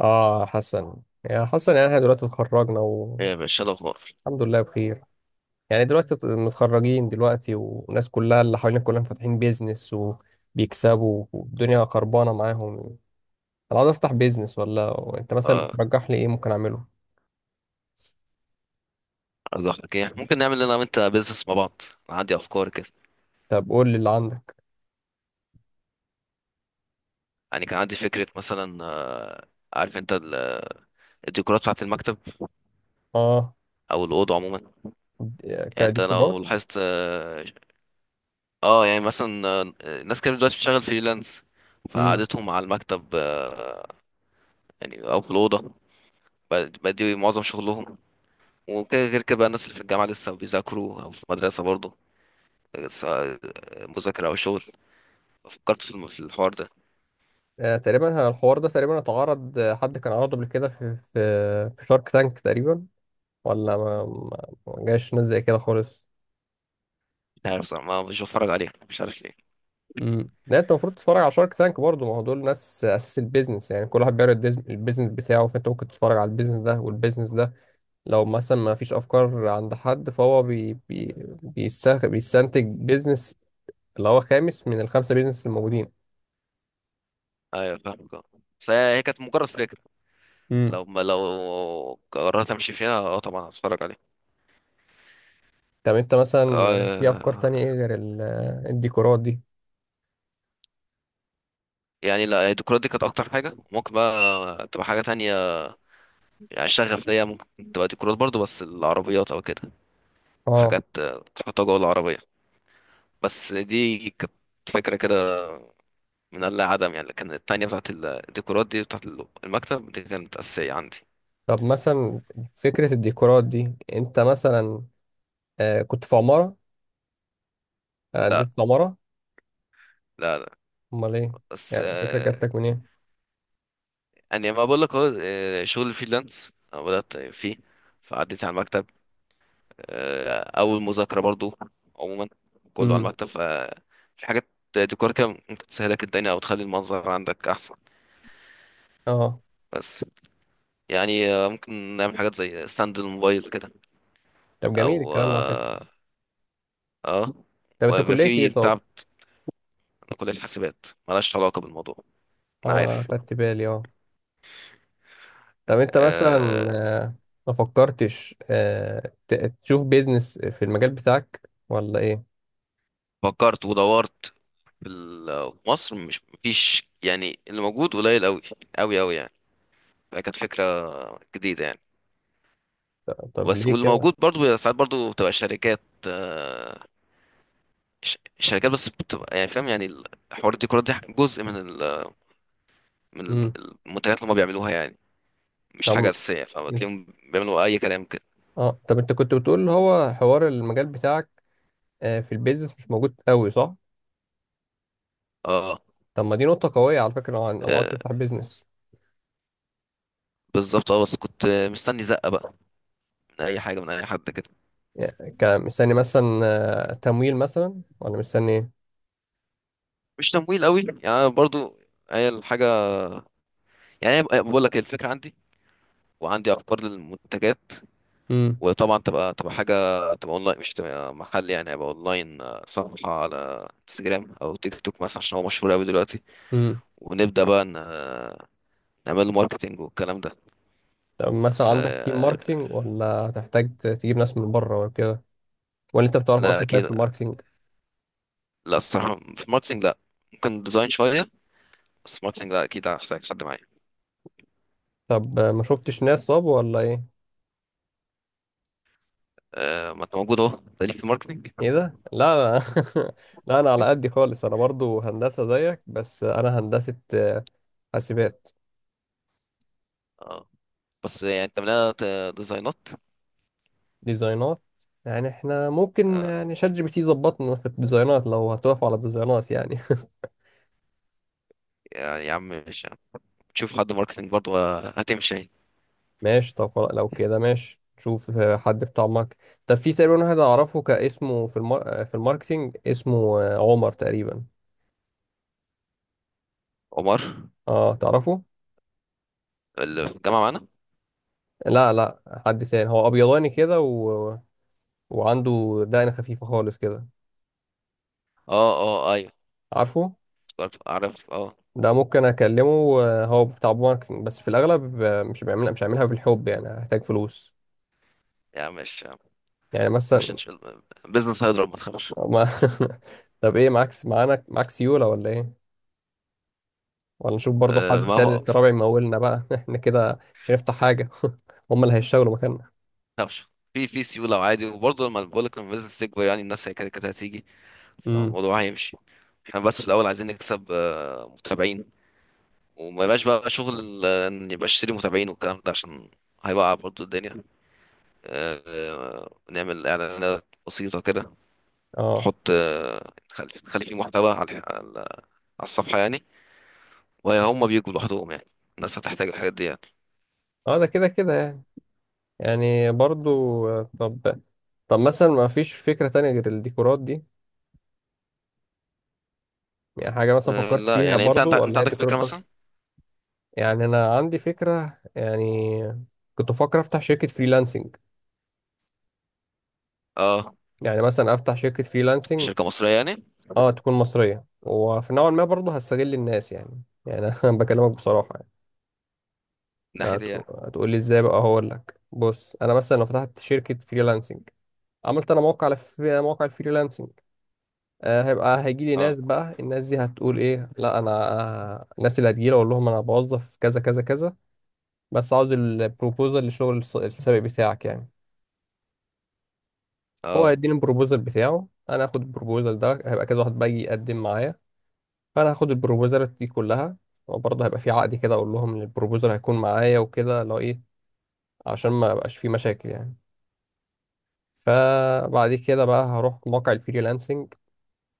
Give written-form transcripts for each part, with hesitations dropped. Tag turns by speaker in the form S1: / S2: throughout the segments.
S1: اه حسن، يا حسن، يعني احنا دلوقتي اتخرجنا
S2: ايه
S1: والحمد
S2: يا باشا، إيه الاخبار؟
S1: لله بخير. يعني دلوقتي متخرجين دلوقتي، والناس كلها اللي حوالينا كلهم فاتحين بيزنس وبيكسبوا والدنيا خربانة معاهم. انا عاوز افتح بيزنس، ولا انت مثلا
S2: اه.
S1: ترجح لي ايه ممكن اعمله؟
S2: الله يحفظك، ايه ممكن نعمل انا وانت بيزنس مع بعض؟ انا عندي افكار كده.
S1: طب قول لي اللي عندك.
S2: يعني كان عندي فكره مثلا، عارف انت الديكورات بتاعه المكتب
S1: اه،
S2: او الاوضه عموما. يعني انت
S1: كديكورات.
S2: لو لاحظت، يعني مثلا، ناس كتير دلوقتي بتشتغل فريلانس،
S1: امم.
S2: فقعدتهم على المكتب، يعني او في الاوضه، بقى دي معظم شغلهم. وكده غير كده بقى، الناس اللي في الجامعه لسه بيذاكروا او في المدرسه برضه، سواء مذاكره او شغل. فكرت في في الحوار ده.
S1: آه تقريبا الحوار ده تقريبا اتعرض، حد كان عرضه قبل كده في في شارك تانك تقريبا، ولا ما جاش ناس زي كده خالص.
S2: لا، عارف صراحة ما مش بتفرج عليه، مش عارف ليه.
S1: امم. لا، انت المفروض تتفرج على شارك تانك برضه، ما هو دول ناس اساس البيزنس، يعني كل واحد بيعرض البيزنس بتاعه، فانت ممكن تتفرج على البيزنس ده والبيزنس ده. لو مثلا ما فيش افكار عند حد فهو بي بيستنتج بيزنس، اللي هو خامس من الخمسه بيزنس الموجودين.
S2: ايوه فاهمك. اه فهي كانت مجرد فكرة.
S1: امم.
S2: لو ما لو قررت امشي فيها، طبعا هتفرج عليه.
S1: طب انت مثلا، في افكار تانية ايه
S2: آه
S1: غير الديكورات دي؟
S2: يعني لا، الديكورات دي كانت اكتر حاجة، ممكن بقى تبقى حاجة تانية. يعني الشغف ليا ممكن تبقى ديكورات برضو، بس العربيات او كده،
S1: اه.
S2: حاجات تحطها جوه العربية. بس دي كانت فكرة كده، من اللا عدم يعني، لكن التانية بتاعت الديكورات دي، بتاعت المكتب دي، كانت أساسية عندي.
S1: طب مثلا فكره الديكورات دي، انت مثلا كنت في عماره، قدمت في عماره؟
S2: لا، لا.
S1: امال ايه،
S2: بس
S1: يعني فكره جات لك منين؟
S2: يعني ما بقول لك اهو، شغل الفريلانس أنا بدأت فيه، فعديت على المكتب، أو المذاكرة برضو. عموما كله على
S1: امم.
S2: المكتب، ففي حاجات ديكور كده ممكن تسهلك الدنيا أو تخلي المنظر عندك أحسن.
S1: اه،
S2: بس يعني ممكن نعمل حاجات زي ستاند الموبايل كده،
S1: طب جميل
S2: أو
S1: الكلام ده، على فكرة.
S2: آه،
S1: طب انت
S2: ويبقى
S1: كلية ايه؟
S2: في بتاع.
S1: طب؟
S2: أنا كلية حاسبات، ملهاش علاقة بالموضوع. أنا
S1: اه،
S2: عارف.
S1: انا خدت بالي، اه. طب انت مثلا
S2: آه،
S1: آه، ما فكرتش تشوف بيزنس في المجال بتاعك ولا ايه؟
S2: فكرت ودورت، في مصر مش مفيش يعني، اللي موجود قليل قوي قوي قوي يعني. فكانت فكرة جديدة يعني.
S1: طب
S2: بس
S1: ليه
S2: واللي
S1: كده؟
S2: موجود برضو بيبقى ساعات، برضو بتبقى شركات، آه، شركات بس، بتبقى يعني، فاهم يعني. الحوار الديكورات دي جزء من
S1: امم.
S2: المنتجات اللي هم بيعملوها يعني، مش حاجة
S1: طب
S2: أساسية، فبتلاقيهم بيعملوا أي كلام كده.
S1: اه طب انت كنت بتقول اللي هو حوار المجال بتاعك في البيزنس مش موجود قوي، صح؟
S2: اه.
S1: طب ما دي نقطة قوية على فكرة، لو عايز
S2: آه،
S1: تفتح بيزنس.
S2: بالظبط. اه بس كنت مستني زقة بقى، من أي حاجة، من أي حد كده.
S1: يعني كمستني مثلا تمويل، مثلا ولا مستني ايه؟
S2: مش تمويل قوي يعني، أنا برضو، هي الحاجة، يعني أنا بقول لك الفكرة عندي، وعندي افكار للمنتجات. وطبعا تبقى حاجه، تبقى اونلاين مش تبقى محل يعني، هيبقى اونلاين، صفحه على انستجرام او تيك توك مثلا، عشان هو مشهور قوي دلوقتي.
S1: امم.
S2: ونبدا بقى، نعمل له ماركتنج والكلام ده.
S1: طب مثلا
S2: بس
S1: عندك تيم ماركتينج، ولا تحتاج تجيب ناس من بره ولا كده؟ ولا انت بتعرف
S2: لا
S1: اصلا كيف في
S2: اكيد.
S1: الماركتينج؟
S2: لا، الصراحه في ماركتنج لا، ممكن ديزاين شويه، بس ماركتنج لا، اكيد هحتاج حد معايا.
S1: طب ما شفتش ناس صاب، ولا ايه؟
S2: ما انت موجود اهو، تاليف في الماركتنج.
S1: ايه ده؟ لا. لا، انا على قدي خالص، انا برضو هندسة زيك، بس انا هندسة حاسبات.
S2: اه، بس يعني انت مليانة ديزاينات.
S1: ديزاينات. يعني احنا ممكن
S2: آه،
S1: يعني ChatGPT يظبطنا في الديزاينات، لو هتقف على الديزاينات يعني.
S2: يعني يا عم مش شوف حد ماركتنج برضه، هتمشي.
S1: ماشي، طب خلاص، لو كده ماشي، نشوف حد بتاع ماركت. طب في تقريبا واحد اعرفه كاسمه في في الماركتينج، اسمه عمر تقريبا.
S2: عمر
S1: اه، تعرفه؟
S2: اللي في الجامعة معانا؟
S1: لا، لا، حد تاني، هو ابيضاني كده وعنده دقن خفيفه خالص كده.
S2: اه، اه، ايوه،
S1: عارفه؟
S2: افتكرت اعرف. اه،
S1: ده ممكن اكلمه، هو بتاع ماركتنج، بس في الاغلب مش هعملها بالحب، يعني هحتاج فلوس.
S2: يا عم مش ما
S1: يعني
S2: تخافش، ان
S1: مثلا
S2: شاء الله بزنس هيضرب، ما تخافش.
S1: ما... طب ايه معاك سيوله، ولا ايه؟ ولا نشوف برضو حد تاني،
S2: ما
S1: الرابع، يمولنا بقى. احنا كده مش هنفتح حاجه. هم اللي هيشتغلوا مكاننا.
S2: تخافش، في سيولة وعادي. وبرضه لما بقول لك، لما البيزنس يكبر يعني، الناس هي كده كده هتيجي،
S1: امم،
S2: فالموضوع هيمشي. احنا بس في الاول عايزين نكسب متابعين، وما يبقاش بقى شغل ان يبقى اشتري متابعين والكلام ده، عشان هيوقع برضه الدنيا. نعمل اعلانات بسيطة كده،
S1: اه،
S2: نحط نخلي فيه محتوى على على الصفحة يعني، وهم بيجوا لوحدهم يعني، الناس هتحتاج الحاجات دي يعني.
S1: اه، ده كده كده يعني. يعني برضو، آه، طب طب مثلا ما فيش فكرة تانية غير الديكورات دي. يعني حاجة مثلا
S2: أه
S1: فكرت
S2: لا،
S1: فيها
S2: يعني انت انت
S1: برضو،
S2: انت
S1: ولا هي
S2: عندك
S1: ديكورات
S2: فكرة
S1: بس؟
S2: مثلا؟
S1: يعني أنا عندي فكرة، يعني كنت بفكر أفتح شركة فريلانسنج.
S2: اه،
S1: يعني مثلا أفتح شركة فريلانسنج.
S2: شركة مصرية يعني، من
S1: أه، تكون مصرية، وفي نوع ما برضو هستغل الناس، يعني أنا بكلمك بصراحة. يعني
S2: ناحية ايه يعني؟
S1: هتقول لي إزاي؟ بقى هقول لك، بص أنا مثلا لو فتحت شركة فريلانسنج، عملت أنا موقع في موقع الفريلانسنج، هيجي لي
S2: اه،
S1: ناس، بقى الناس دي هتقول ايه؟ لا، انا الناس اللي هتجي لي اقول لهم انا بوظف كذا كذا كذا، بس عاوز البروبوزل للشغل السابق بتاعك يعني. هو
S2: اه،
S1: هيديني البروبوزل بتاعه، انا هاخد البروبوزل ده، هيبقى كذا واحد بقى يجي يقدم معايا، فانا هاخد البروبوزلات دي كلها. وبرضه هيبقى في عقد كده، اقول لهم ان البروبوزل هيكون معايا وكده لو ايه، عشان ما يبقاش في مشاكل يعني. فبعد كده بقى هروح موقع الفريلانسنج،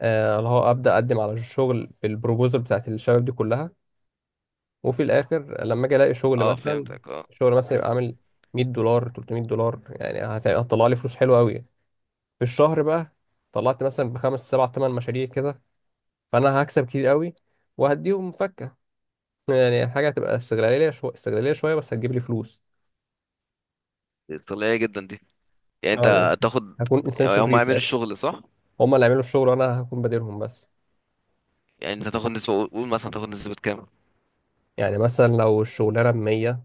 S1: اللي هو ابدا اقدم على الشغل بالبروبوزل بتاعت الشباب دي كلها. وفي الاخر لما اجي الاقي شغل
S2: اه،
S1: مثلا،
S2: فهمتك. اه،
S1: يبقى عامل 100 دولار، 300 دولار، يعني هتطلع لي فلوس حلوه قوي في الشهر بقى. طلعت مثلا بخمس سبع ثمان مشاريع كده، فانا هكسب كتير قوي، وهديهم فكه. يعني حاجه هتبقى استغلاليه شويه، استغلاليه شويه، بس هتجيب لي فلوس.
S2: دي استغلالية جدا دي، يعني
S1: يعني
S2: انت تاخد،
S1: هكون انسان
S2: يعني هم
S1: شرير
S2: هيعملوا
S1: ساعتها.
S2: الشغل صح؟
S1: هما اللي يعملوا الشغل، وانا هكون بديرهم بس.
S2: يعني انت تاخد نسبة، قول قول مثلا تاخد نسبة كام؟
S1: يعني مثلا لو الشغلانه ب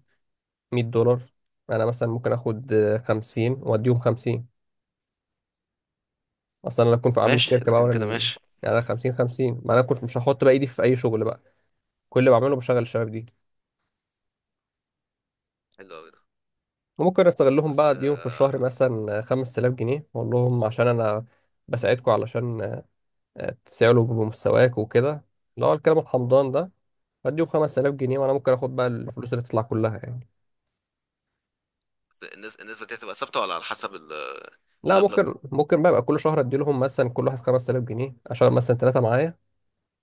S1: 100 دولار، انا مثلا ممكن اخد 50 واديهم 50. اصل انا لو كنت عامل
S2: ماشي،
S1: الشركه
S2: اذا
S1: بقى
S2: كان
S1: وانا
S2: كده ماشي.
S1: يعني انا 50، ما انا كنت مش هحط بقى ايدي في اي شغل بقى، كل اللي بعمله بشغل الشباب دي.
S2: حلو قوي ده.
S1: وممكن استغلهم
S2: بس
S1: بقى، اديهم في
S2: آه،
S1: الشهر مثلا 5000 جنيه، واقول لهم عشان انا بساعدكم، علشان تسعلوا بمستواك وكده، اللي هو الكلام الحمضان ده. اديهم 5000 جنيه، وانا ممكن اخد بقى الفلوس اللي تطلع كلها يعني.
S2: بس النسبة دي هتبقى ثابتة، ولا على حسب
S1: لا،
S2: المبلغ؟
S1: ممكن بقى يبقى كل شهر ادي لهم مثلا كل واحد 5000 جنيه، اشغل مثلا ثلاثه معايا،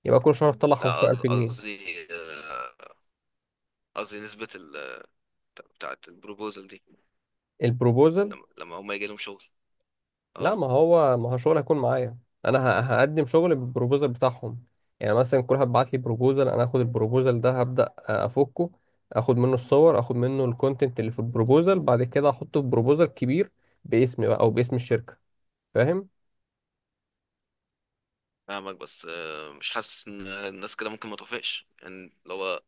S1: يبقى كل شهر تطلع
S2: لا،
S1: 15000 جنيه
S2: قصدي، آه، قصدي نسبة ال، بتاعة البروبوزال دي،
S1: البروبوزل.
S2: لما هم يجي لهم شغل.
S1: لا،
S2: اه
S1: ما هو شغل هيكون معايا، انا هقدم شغل بالبروبوزال بتاعهم. يعني مثلا كل واحد بعت لي بروبوزال، انا هاخد البروبوزال ده هبدا افكه، اخد منه الصور، اخد منه الكونتنت اللي في البروبوزال، بعد كده احطه في بروبوزال كبير باسمي بقى او باسم الشركه. فاهم؟
S2: فاهمك. بس مش حاسس ان الناس كده ممكن ما توافقش يعني، لو هو،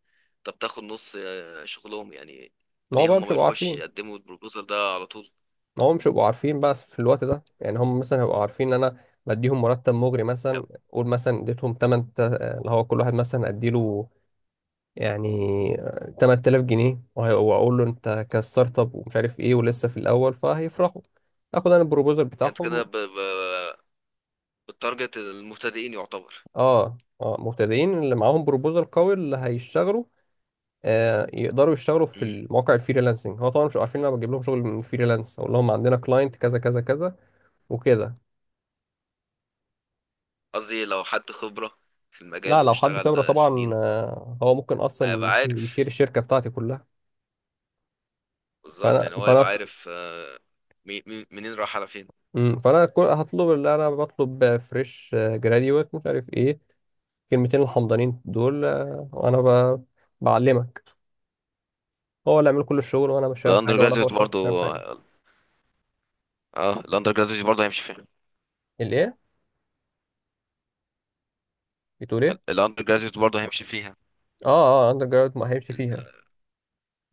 S2: طب تاخد نص شغلهم يعني؟
S1: ما هو
S2: ليه
S1: بقى
S2: هم
S1: مش
S2: ما
S1: هيبقوا
S2: يروحوش
S1: عارفين،
S2: يقدموا البروبوزال ده على طول؟
S1: ما هو مش هيبقوا عارفين بقى في الوقت ده، يعني هم مثلا هيبقوا عارفين ان انا بديهم مرتب مغري،
S2: أو-
S1: مثلا قول مثلا اديتهم 8، اللي هو كل واحد مثلا اديله يعني 8000 جنيه، واقول له انت كستارت اب ومش عارف ايه ولسه في الاول، فهيفرحوا، اخد انا البروبوزال
S2: يعني انت كده،
S1: بتاعهم.
S2: بالتارجت المبتدئين يعتبر.
S1: اه، اه، مبتدئين اللي معاهم بروبوزال قوي اللي هيشتغلوا، آه يقدروا يشتغلوا في
S2: مم.
S1: المواقع الفريلانسنج، هو طبعا مش عارفين إن انا بجيب لهم شغل من فريلانس، اقول لهم عندنا كلاينت كذا كذا كذا وكده.
S2: قصدي لو حد خبرة في المجال
S1: لا، لو حد
S2: واشتغل
S1: خبره طبعا
S2: سنين،
S1: آه هو ممكن
S2: هيبقى
S1: اصلا
S2: عارف
S1: يشيل الشركه بتاعتي كلها،
S2: بالظبط،
S1: فانا
S2: يعني هو هيبقى
S1: فانا
S2: عارف منين راح على فين.
S1: فانا هطلب اللي انا بطلب فريش جراديويت مش عارف ايه، كلمتين الحمضانين دول، وانا بعلمك، هو اللي عامل كل الشغل وانا مش فاهم
S2: والاندر
S1: حاجه، ولا هو
S2: جراديوت
S1: شايف
S2: برضه؟
S1: فاهم حاجه.
S2: اه، الاندر جراديوت برضه هيمشي فيها.
S1: الايه؟ بتقول ايه؟
S2: الاندر جراديوت برضه هيمشي فيها.
S1: اه، اه، اندر جراوند ما هيمشي
S2: ال...
S1: فيها.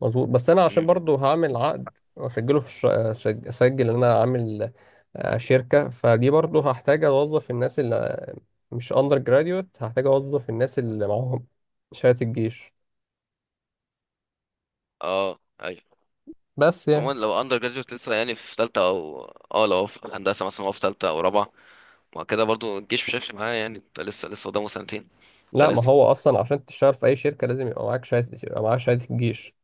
S1: مظبوط، بس انا عشان
S2: مم.
S1: برضو هعمل عقد واسجله في اسجل ان انا عامل شركه، فدي برضو هحتاج اوظف الناس اللي مش اندر جراديوت، هحتاج اوظف الناس اللي معاهم شهاده الجيش،
S2: اه ايوه.
S1: بس
S2: بس
S1: يعني.
S2: عموما لو اندر جراديوت لسه يعني في تالتة او، اه لو هو في هندسة مثلا، هو في تالتة او رابعة، ما كده برضو الجيش مش هيفرق معاه يعني، انت لسه قدامه سنتين
S1: لا، ما
S2: وتلاتة.
S1: هو اصلا عشان تشتغل في اي شركه لازم يبقى معاك شهاده، يبقى معاك شهاده الجيش.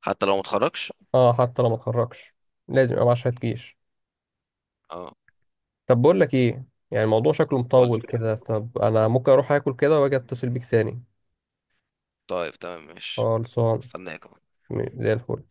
S2: حتى لو متخرجش؟
S1: اه، حتى لو ما اتخرجش، لازم يبقى معاه شهادة جيش.
S2: اه.
S1: طب بقول لك ايه، يعني الموضوع شكله
S2: قول.
S1: مطول كده، طب انا ممكن اروح اكل كده واجي اتصل بيك تاني.
S2: طيب تمام ماشي.
S1: خلصان.
S2: استناك.
S1: زي الفل.